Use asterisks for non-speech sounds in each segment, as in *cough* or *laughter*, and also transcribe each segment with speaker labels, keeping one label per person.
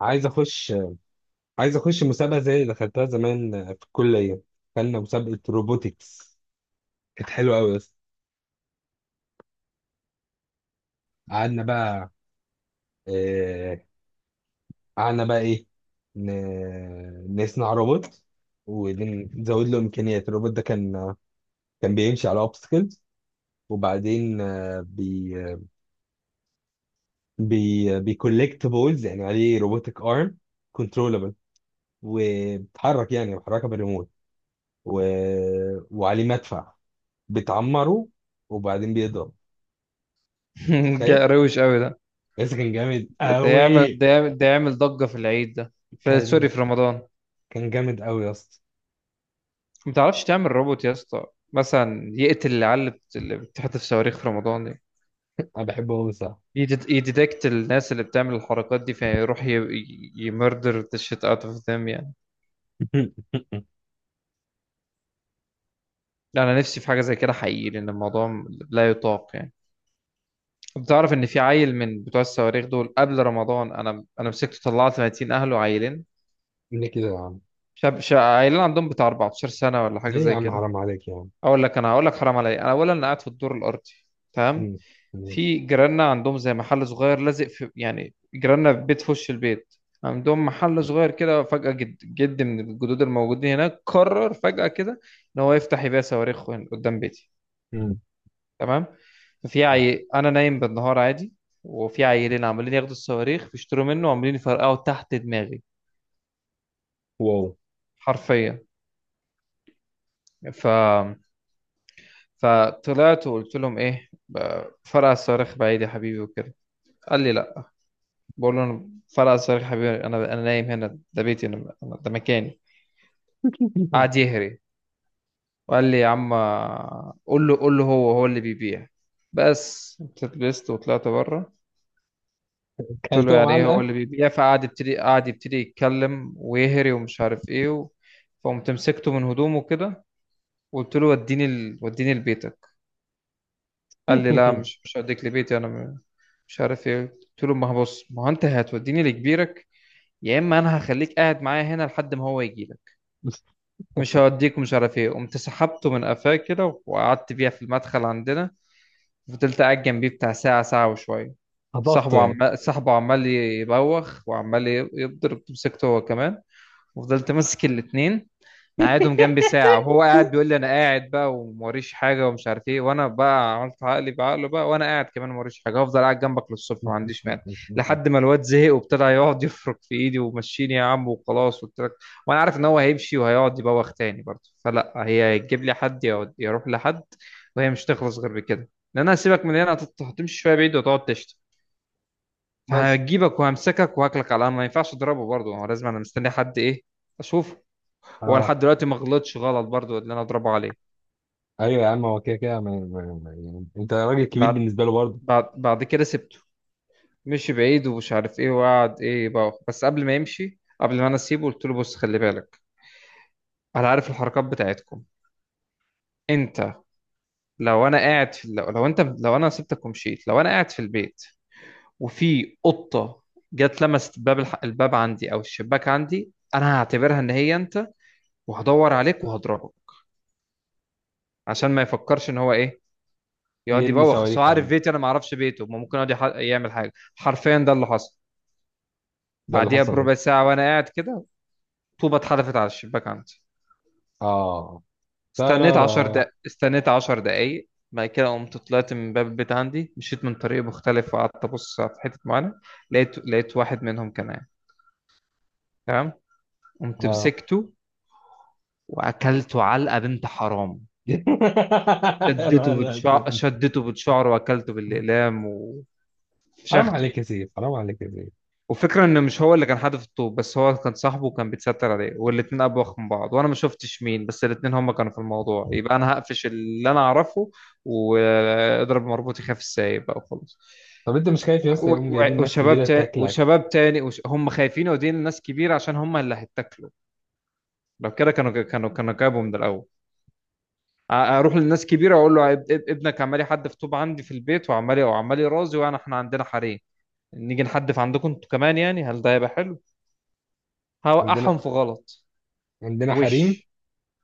Speaker 1: عايز اخش عايز اخش مسابقه زي اللي دخلتها زمان في الكليه. دخلنا مسابقه روبوتكس. كانت حلوه قوي. بس قعدنا بقى آه، قعدنا بقى ايه نصنع روبوت ونزود له امكانيات. الروبوت ده كان بيمشي على اوبستكلز، وبعدين آه، بي بي بيكولكت بولز، يعني عليه روبوتك ارم كنترولبل، وبيتحرك، يعني بيحركها بالريموت، و... وعليه مدفع بتعمره وبعدين بيضرب.
Speaker 2: *laughs*
Speaker 1: متخيل؟
Speaker 2: روش قوي ده.
Speaker 1: بس كان جامد
Speaker 2: ده يعمل
Speaker 1: قوي.
Speaker 2: ده يعمل ده يعمل ضجة في العيد ده، في
Speaker 1: كان
Speaker 2: سوري، في رمضان.
Speaker 1: كان جامد قوي يا اسطى.
Speaker 2: ما تعرفش تعمل روبوت يا اسطى؟ مثلا يقتل العيال اللي بتحتف صواريخ في رمضان دي،
Speaker 1: انا بحبه قوي. صح.
Speaker 2: يديتكت الناس اللي بتعمل الحركات دي فيروح يمردر ذا شيت اوت اوف ذم يعني.
Speaker 1: *laughs*
Speaker 2: لا، انا نفسي في حاجة زي كده حقيقي، لان الموضوع لا يطاق يعني. بتعرف ان في عيل من بتوع الصواريخ دول قبل رمضان، انا مسكته، طلعت 30 اهله عيلين.
Speaker 1: ليه كده يا عم؟
Speaker 2: عيلين عندهم بتاع 14 سنة ولا حاجة
Speaker 1: ليه يا
Speaker 2: زي
Speaker 1: عم؟
Speaker 2: كده.
Speaker 1: حرام عليك يا عم.
Speaker 2: اقول لك، انا هقول لك حرام عليا. انا اولا، انا قاعد في الدور الارضي. تمام.
Speaker 1: مم. ماشي.
Speaker 2: في جيراننا عندهم زي محل صغير لازق في، يعني جيراننا في بيت في وش البيت. عندهم محل صغير كده. فجأة جد جد من الجدود الموجودين هناك قرر فجأة كده ان هو يفتح يبيع صواريخ هنا قدام بيتي.
Speaker 1: مم.
Speaker 2: تمام. انا نايم بالنهار عادي، وفي عيلين عمالين ياخدوا الصواريخ بيشتروا منه وعمالين يفرقعوا تحت دماغي،
Speaker 1: واو.
Speaker 2: حرفيا. ف فطلعت وقلت لهم ايه: فرقع الصواريخ بعيد يا حبيبي وكده. قال لي لا. بقول له: انا، فرقع صريخ يا حبيبي، انا نايم هنا، ده بيتي، ده مكاني. قعد
Speaker 1: *laughs*
Speaker 2: يهري وقال لي: يا عم، قول له هو هو اللي بيبيع. بس اتلبست وطلعت بره. قلت له:
Speaker 1: كلتهم
Speaker 2: يعني ايه هو
Speaker 1: علقه.
Speaker 2: اللي بيبيع؟ فقعد يبتدي يتكلم ويهري ومش عارف ايه فقمت مسكته من هدومه كده وقلت له: وديني لبيتك. قال لي: لا،
Speaker 1: *laughs*
Speaker 2: مش هوديك لبيتي. مش عارف ايه. قلت له: ما هو بص، ما هو انت هتوديني لكبيرك، يا اما انا هخليك قاعد معايا هنا لحد ما هو يجي. مش هوديك ومش عارف ايه. قمت سحبته من قفاه كده وقعدت بيها في المدخل عندنا. فضلت قاعد جنبيه بتاع ساعة، ساعة وشوية.
Speaker 1: هضفته
Speaker 2: صاحبه
Speaker 1: يعني.
Speaker 2: عمال صاحبه عمال يبوخ وعمال يضرب، مسكته هو كمان. وفضلت ماسك الاتنين، مقعدهم جنبي ساعة وهو قاعد بيقول لي: أنا قاعد بقى وموريش حاجة ومش عارف إيه. وأنا بقى عملت عقلي بعقله بقى، وأنا قاعد كمان موريش حاجة، هفضل قاعد جنبك للصبح ما عنديش مانع.
Speaker 1: *laughs*
Speaker 2: لحد ما الواد زهق وابتدى يقعد يفرك في إيدي: ومشيني يا عم وخلاص قلت لك. وأنا عارف إن هو هيمشي وهيقعد يبوخ تاني برضه، فلا، هي هتجيب لي حد يروح لحد، وهي مش تخلص غير بكده، لأن أنا هسيبك من هنا هتمشي شوية بعيد وتقعد تشتم.
Speaker 1: بس.
Speaker 2: فهجيبك وهمسكك وهاكلك على القهوة. ما ينفعش أضربه برضه هو، لازم أنا مستني حد إيه أشوفه. هو
Speaker 1: اه.
Speaker 2: لحد دلوقتي ما غلطش غلط برضو اللي انا اضربه عليه.
Speaker 1: ايوه يا عم، هو كده كده يعني انت راجل كبير
Speaker 2: بعد
Speaker 1: بالنسبه له برضه.
Speaker 2: بعد كده سبته. مشي بعيد ومش عارف ايه وقعد ايه بقى. بس قبل ما يمشي، قبل ما انا اسيبه، قلت له: بص، خلي بالك، انا عارف الحركات بتاعتكم. انت، لو انا قاعد في، لو انت، لو انا سبتك ومشيت، لو انا قاعد في البيت، وفي قطة جت لمست الباب عندي او الشباك عندي، انا هعتبرها ان هي انت، وهدور عليك وهضربك. عشان ما يفكرش ان هو ايه، يقعد
Speaker 1: يرمي
Speaker 2: يبوخ. بس هو
Speaker 1: صواريخ على،
Speaker 2: عارف بيتي، انا ما اعرفش بيته. ما ممكن يقعد يعمل حاجه. حرفيا، ده اللي حصل.
Speaker 1: ده اللي
Speaker 2: بعديها
Speaker 1: حصل
Speaker 2: بربع
Speaker 1: ايه.
Speaker 2: ساعه وانا قاعد كده، طوبه اتحدفت على الشباك عندي.
Speaker 1: اه.
Speaker 2: استنيت 10
Speaker 1: ترارا.
Speaker 2: دقايق، استنيت 10 دقايق، بعد كده قمت طلعت من باب البيت عندي، مشيت من طريق مختلف وقعدت ابص في حته معينه. لقيت واحد منهم كان قاعد. تمام، قمت
Speaker 1: اه.
Speaker 2: مسكته واكلته علقه بنت حرام.
Speaker 1: *laughs* يا نهار أسود.
Speaker 2: شدته بتشعره واكلته بالاقلام
Speaker 1: حرام
Speaker 2: وفشخته.
Speaker 1: عليك يا سيف، حرام عليك يا سيف.
Speaker 2: والفكرة ان مش هو اللي كان حادف الطوب، بس هو كان صاحبه وكان بيتستر عليه، والاتنين ابوخ من بعض، وانا ما شفتش مين. بس الاتنين هما كانوا في الموضوع، يبقى انا هقفش اللي انا اعرفه واضرب، مربوط يخاف السايب بقى وخلاص.
Speaker 1: طب انت مش خايف يا اسطى يقوم جايبين ناس
Speaker 2: وشباب
Speaker 1: كبيره
Speaker 2: تاني
Speaker 1: تاكلك؟
Speaker 2: وشباب تاني هم خايفين يودين لناس كبيرة عشان هم اللي هيتاكلوا. لو كده كانوا جابوا من الأول. اروح للناس كبيره اقول له: ابنك عمال يحدف طوب عندي في البيت، وعمال يرازي، وانا احنا عندنا حريم. نيجي نحدف عندكم انتوا كمان يعني؟ هل ده هيبقى حلو؟
Speaker 1: عندنا
Speaker 2: هوقعهم في غلط.
Speaker 1: عندنا حريم.
Speaker 2: وش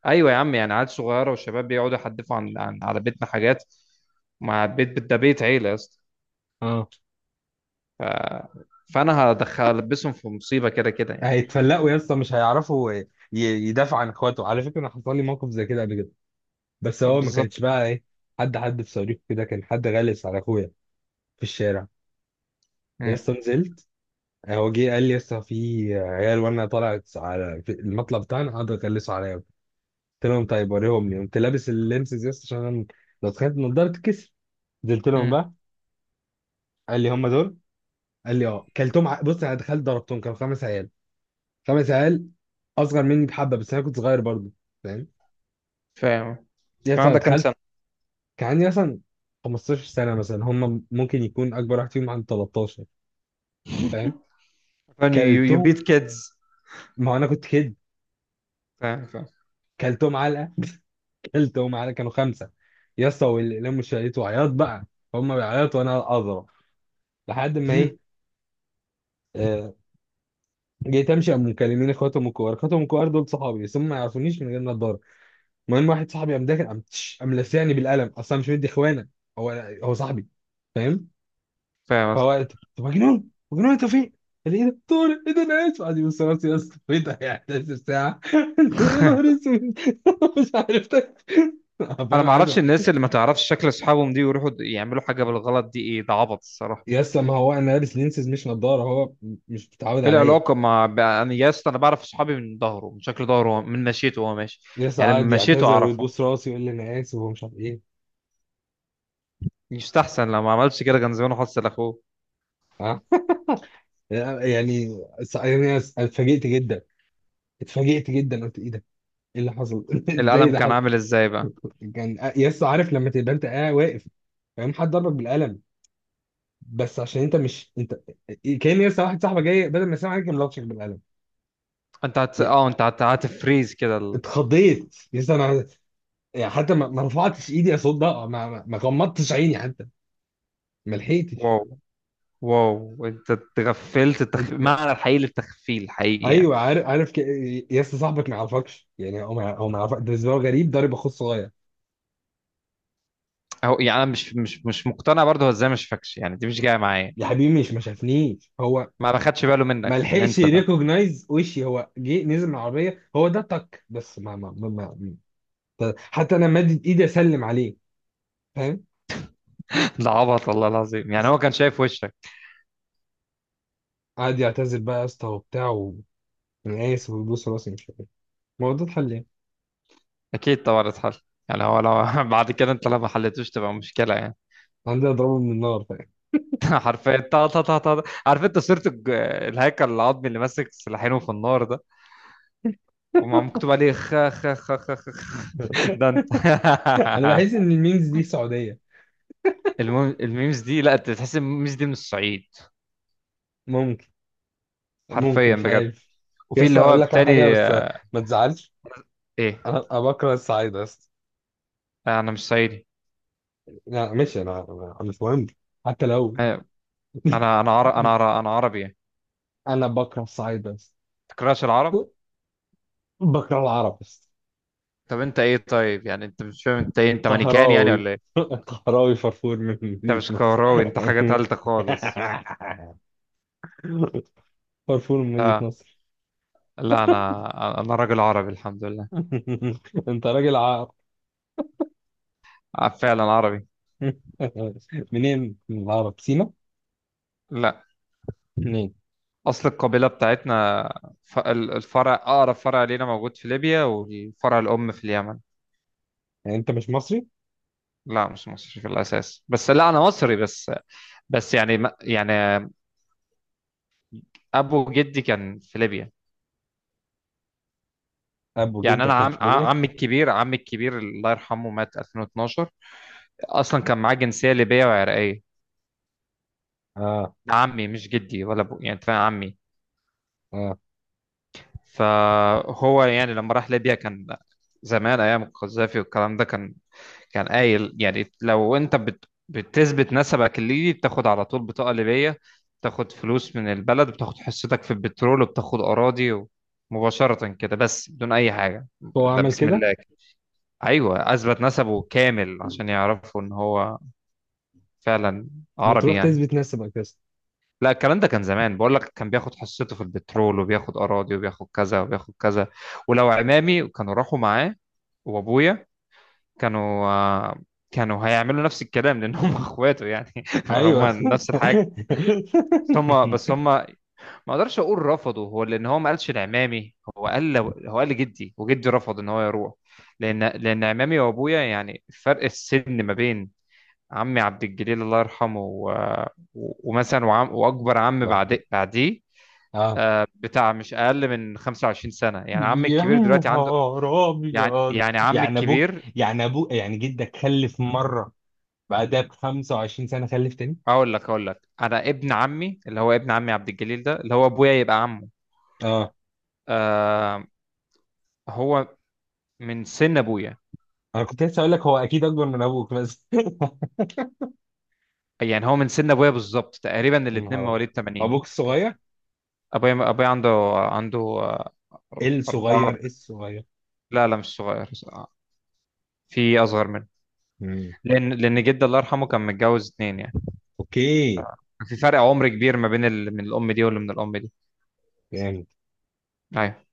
Speaker 2: ايوه يا عم، يعني عيال صغيره وشباب بيقعدوا يحدفوا عن على بيتنا حاجات، ده بيت عيله يا اسطى.
Speaker 1: اه.
Speaker 2: فانا هدخل البسهم في مصيبه، كده كده يعني.
Speaker 1: هيتفلقوا يا اسطى، مش هيعرفوا يدافعوا عن اخواته. على فكره انا حصل لي موقف زي كده قبل كده، بس هو ما
Speaker 2: بالظبط.
Speaker 1: كانش بقى ايه. حد في صديقه كده، كان حد غلس على اخويا في الشارع. يا
Speaker 2: امم.
Speaker 1: اسطى نزلت. هو جه قال لي يا اسطى في عيال، وانا طلعت على في المطلب بتاعنا، قعدوا يغلسوا عليا. قلت لهم طيب وريهم لي. قمت لابس اللينسز يا اسطى عشان أنا لو تخيلت النضاره تتكسر. نزلت لهم
Speaker 2: امم.
Speaker 1: بقى. قال لي هم دول. قال لي اه. بص، انا دخلت ضربتهم، كانوا خمس عيال. خمس عيال اصغر مني بحبه، بس انا كنت صغير برضه، فاهم؟
Speaker 2: فاهم.
Speaker 1: يعني
Speaker 2: كان
Speaker 1: مثلا
Speaker 2: عندك كام
Speaker 1: دخلت.
Speaker 2: سنه؟
Speaker 1: كان عندي مثلا 15 سنه مثلا. هم ممكن يكون اكبر واحد فيهم عنده 13. فاهم؟
Speaker 2: فاهم يو بيت
Speaker 1: كلتهم.
Speaker 2: كيدز.
Speaker 1: ما انا كنت كده.
Speaker 2: فاهم فاهم.
Speaker 1: كلتهم علقه. كلتهم علقه، كانوا خمسه. يا اسطى واللي لموا الشاليه وعياط بقى. هم بيعيطوا وانا اضرب لحد ما ايه. آه، جيت امشي، قاموا مكلمين اخواتهم الكبار. اخواتهم الكبار دول صحابي، بس هم ما يعرفونيش من غير ما اتضرب. المهم واحد صاحبي قام داخل، قام لسعني بالقلم، اصلا مش مدي اخوانا. هو هو صاحبي. فاهم؟
Speaker 2: *laughs* فاهم يا
Speaker 1: فهو
Speaker 2: اسطى.
Speaker 1: قال، طب مجنون مجنون انت فين؟ قال لي ايه ده؟ طارق ايه ده انا اسف. قعد يبص راسي يا اسطى. *laughs* ايه ده يعني؟ 11 ساعه. *laughs* يا نهار
Speaker 2: *laughs*
Speaker 1: اسود. *laughs* مش عارف ده. فاهم؟
Speaker 2: انا ما
Speaker 1: عارف.
Speaker 2: اعرفش الناس اللي ما تعرفش شكل اصحابهم دي ويروحوا يعملوا حاجه بالغلط دي! ايه ده، عبط الصراحه.
Speaker 1: يا اسطى ما هو انا لابس لينسز مش نضاره، هو مش متعود
Speaker 2: ايه
Speaker 1: عليا.
Speaker 2: العلاقه؟ انا يا اسطى، انا بعرف اصحابي من ظهره، من شكل ظهره، من مشيته وهو ماشي.
Speaker 1: يا اسطى
Speaker 2: يعني
Speaker 1: قعد
Speaker 2: من مشيته
Speaker 1: يعتذر
Speaker 2: اعرفهم.
Speaker 1: ويبص راسي ويقول لي انا اسف ومش عارف ايه.
Speaker 2: يستحسن، لو ما عملتش كده كان زمانه حصل اخوه.
Speaker 1: ها. يعني، يعني اتفاجئت جدا. اتفاجئت جدا، قلت ايه ده؟ ايه اللي حصل؟ *laughs* ازاي
Speaker 2: القلم
Speaker 1: ده؟
Speaker 2: كان عامل ازاي بقى؟
Speaker 1: كان يس عارف لما تبقى انت قاعد واقف، فاهم؟ حد ضربك بالقلم بس عشان انت مش انت. كان يس واحد صاحبك جاي بدل ما يسلم عليك كان لطشك بالقلم.
Speaker 2: انت هت...
Speaker 1: يا
Speaker 2: اه انت هت... هتفريز كده
Speaker 1: اتخضيت يس انا. يعني حتى ما رفعتش ايدي اصد ده، ما غمضتش عيني حتى. ما لحقتش.
Speaker 2: واو، واو، انت تغفلت،
Speaker 1: ات-
Speaker 2: معنى الحقيقي للتخفيل حقيقي يعني.
Speaker 1: ايوه عارف عارف يس صاحبك ما يعرفكش، يعني هو ما يعرفك، ده بالنسبه له غريب ضارب اخوه الصغير.
Speaker 2: اهو يعني، انا مش مقتنع برضه هو ازاي ما شافكش؟ يعني دي مش جايه معايا.
Speaker 1: يا حبيبي مش ما شافنيش هو،
Speaker 2: ما باخدش باله منك
Speaker 1: ما
Speaker 2: ان
Speaker 1: لحقش
Speaker 2: انت ده؟
Speaker 1: يريكوجنايز وشي، هو جه نزل من العربيه هو ده تك، بس ما ما ما, ف- حتى انا مادد ايدي اسلم عليه. فاهم؟
Speaker 2: *laughs* ده عبط والله العظيم، يعني هو كان شايف وشك.
Speaker 1: قعد يعتذر بقى يا اسطى وبتاع، وانا اسف ويبوس راسي مش عارف إيه. ما هو ده اتحل ليه.
Speaker 2: اكيد طبعا اتحل. يعني هو لو *laughs* بعد كده انت لو ما حلتوش تبقى مشكله يعني.
Speaker 1: عندي اضربه من النار، فاهم؟
Speaker 2: *laughs* حرفيا، طا طا طا طا، عارف انت صورة الهيكل العظمي اللي ماسك سلاحينه في النار ده، ومع مكتوب عليه: خ خ خ خ خ
Speaker 1: *laughs*
Speaker 2: ده انت.
Speaker 1: انا بحس
Speaker 2: *laughs*
Speaker 1: ان الميمز دي سعوديه.
Speaker 2: المهم الميمز دي، لا، انت تحس إن الميمز دي من الصعيد،
Speaker 1: ممكن. ممكن،
Speaker 2: حرفيا
Speaker 1: مش
Speaker 2: بجد.
Speaker 1: عارف. يا
Speaker 2: وفي اللي
Speaker 1: اسطى
Speaker 2: هو
Speaker 1: اقول لك على حاجه
Speaker 2: التاني.
Speaker 1: بس
Speaker 2: آه.
Speaker 1: ما تزعلش.
Speaker 2: ايه؟
Speaker 1: انا بكره الصعيد يا اسطى.
Speaker 2: آه، انا مش صعيدي.
Speaker 1: لا ماشي، انا أنا أنا مش مهم حتى لو.
Speaker 2: آه، انا عرب، انا
Speaker 1: *laughs*
Speaker 2: عرب، انا عربي يعني.
Speaker 1: انا بكره الصعيد بس.
Speaker 2: تكرهش العرب؟
Speaker 1: بكره العرب بس.
Speaker 2: طب انت ايه طيب يعني؟ انت مش فاهم انت ايه؟ انت مانيكان يعني
Speaker 1: قهراوي.
Speaker 2: ولا ايه؟
Speaker 1: *laughs* قهراوي فرفور من
Speaker 2: انت
Speaker 1: مدينة
Speaker 2: مش
Speaker 1: نصر.
Speaker 2: كهراوي، انت حاجة تالتة خالص.
Speaker 1: *laughs* فرفور من مدينة
Speaker 2: لا،
Speaker 1: نصر.
Speaker 2: لا، انا راجل عربي الحمد لله.
Speaker 1: *laughs* انت راجل عرب.
Speaker 2: آه، فعلا عربي.
Speaker 1: *laughs* منين من العرب؟ سينا؟
Speaker 2: لا،
Speaker 1: منين؟
Speaker 2: اصل القبيله بتاعتنا، الفرع، اقرب فرع لينا موجود في ليبيا والفرع الام في اليمن.
Speaker 1: يعني انت مش مصري؟
Speaker 2: لا، مش مصري في الاساس بس، لا انا مصري بس. بس يعني يعني، ابو جدي كان في ليبيا.
Speaker 1: ابو
Speaker 2: يعني انا
Speaker 1: جدك كان في ليبيا.
Speaker 2: عمي الكبير، عمي الكبير الله يرحمه مات 2012. اصلا كان معاه جنسيه ليبيه وعراقيه.
Speaker 1: اه.
Speaker 2: ده عمي، مش جدي ولا ابو يعني، أنت فاهم؟ عمي.
Speaker 1: اه.
Speaker 2: فهو يعني لما راح ليبيا، كان زمان ايام القذافي والكلام ده، كان كان قايل يعني: لو انت بتثبت نسبك الليبي بتاخد على طول بطاقة ليبية، بتاخد فلوس من البلد، بتاخد حصتك في البترول وبتاخد أراضي، مباشرة كده بس بدون أي حاجة.
Speaker 1: هو
Speaker 2: ده
Speaker 1: عمل
Speaker 2: بسم
Speaker 1: كده؟
Speaker 2: الله كده. أيوة، أثبت نسبه كامل عشان يعرفوا إن هو فعلا
Speaker 1: ما
Speaker 2: عربي
Speaker 1: تروح
Speaker 2: يعني.
Speaker 1: تثبت نفسك اساسا.
Speaker 2: لا، الكلام ده كان زمان بقول لك، كان بياخد حصته في البترول وبياخد أراضي وبياخد كذا وبياخد كذا. ولو عمامي كانوا راحوا معاه وأبويا، كانوا كانوا هيعملوا نفس الكلام، لان هم *laughs* اخواته يعني. *laughs* فهم
Speaker 1: ايوه. *laughs*
Speaker 2: نفس الحاجه. هم بس ما اقدرش اقول رفضوا هو، لان هو ما قالش لعمامي، هو قال لجدي، وجدي رفض ان هو يروح. لان عمامي وابويا يعني، فرق السن ما بين عمي عبد الجليل الله يرحمه ومثلا واكبر عم
Speaker 1: الله يرحمه.
Speaker 2: بعديه،
Speaker 1: اه.
Speaker 2: بتاع مش اقل من 25 سنه يعني. عمي
Speaker 1: يا
Speaker 2: الكبير دلوقتي عنده،
Speaker 1: نهار
Speaker 2: يعني
Speaker 1: ابيض.
Speaker 2: يعني عمي
Speaker 1: يعني ابوك،
Speaker 2: الكبير،
Speaker 1: يعني ابوك، يعني جدك خلف مره بعدها ب 25 سنة خلف تاني.
Speaker 2: اقول لك، انا ابن عمي اللي هو ابن عمي عبد الجليل، ده اللي هو ابويا يبقى عمه.
Speaker 1: اه
Speaker 2: آه، هو من سن ابويا.
Speaker 1: انا كنت لسه اقول لك هو اكيد اكبر من ابوك بس. *laughs*
Speaker 2: يعني هو من سن ابويا بالظبط تقريبا،
Speaker 1: يا
Speaker 2: الاتنين
Speaker 1: نهار ابيض.
Speaker 2: مواليد 80.
Speaker 1: ابوك الصغير.
Speaker 2: ابويا عنده أربعة.
Speaker 1: الصغير الصغير.
Speaker 2: لا، لا، مش صغير، في أصغر منه.
Speaker 1: مم.
Speaker 2: لأن جدي الله يرحمه كان متجوز اتنين يعني.
Speaker 1: اوكي.
Speaker 2: في فرق عمر كبير ما بين من الأم دي واللي من الأم دي.
Speaker 1: يعني
Speaker 2: أيوه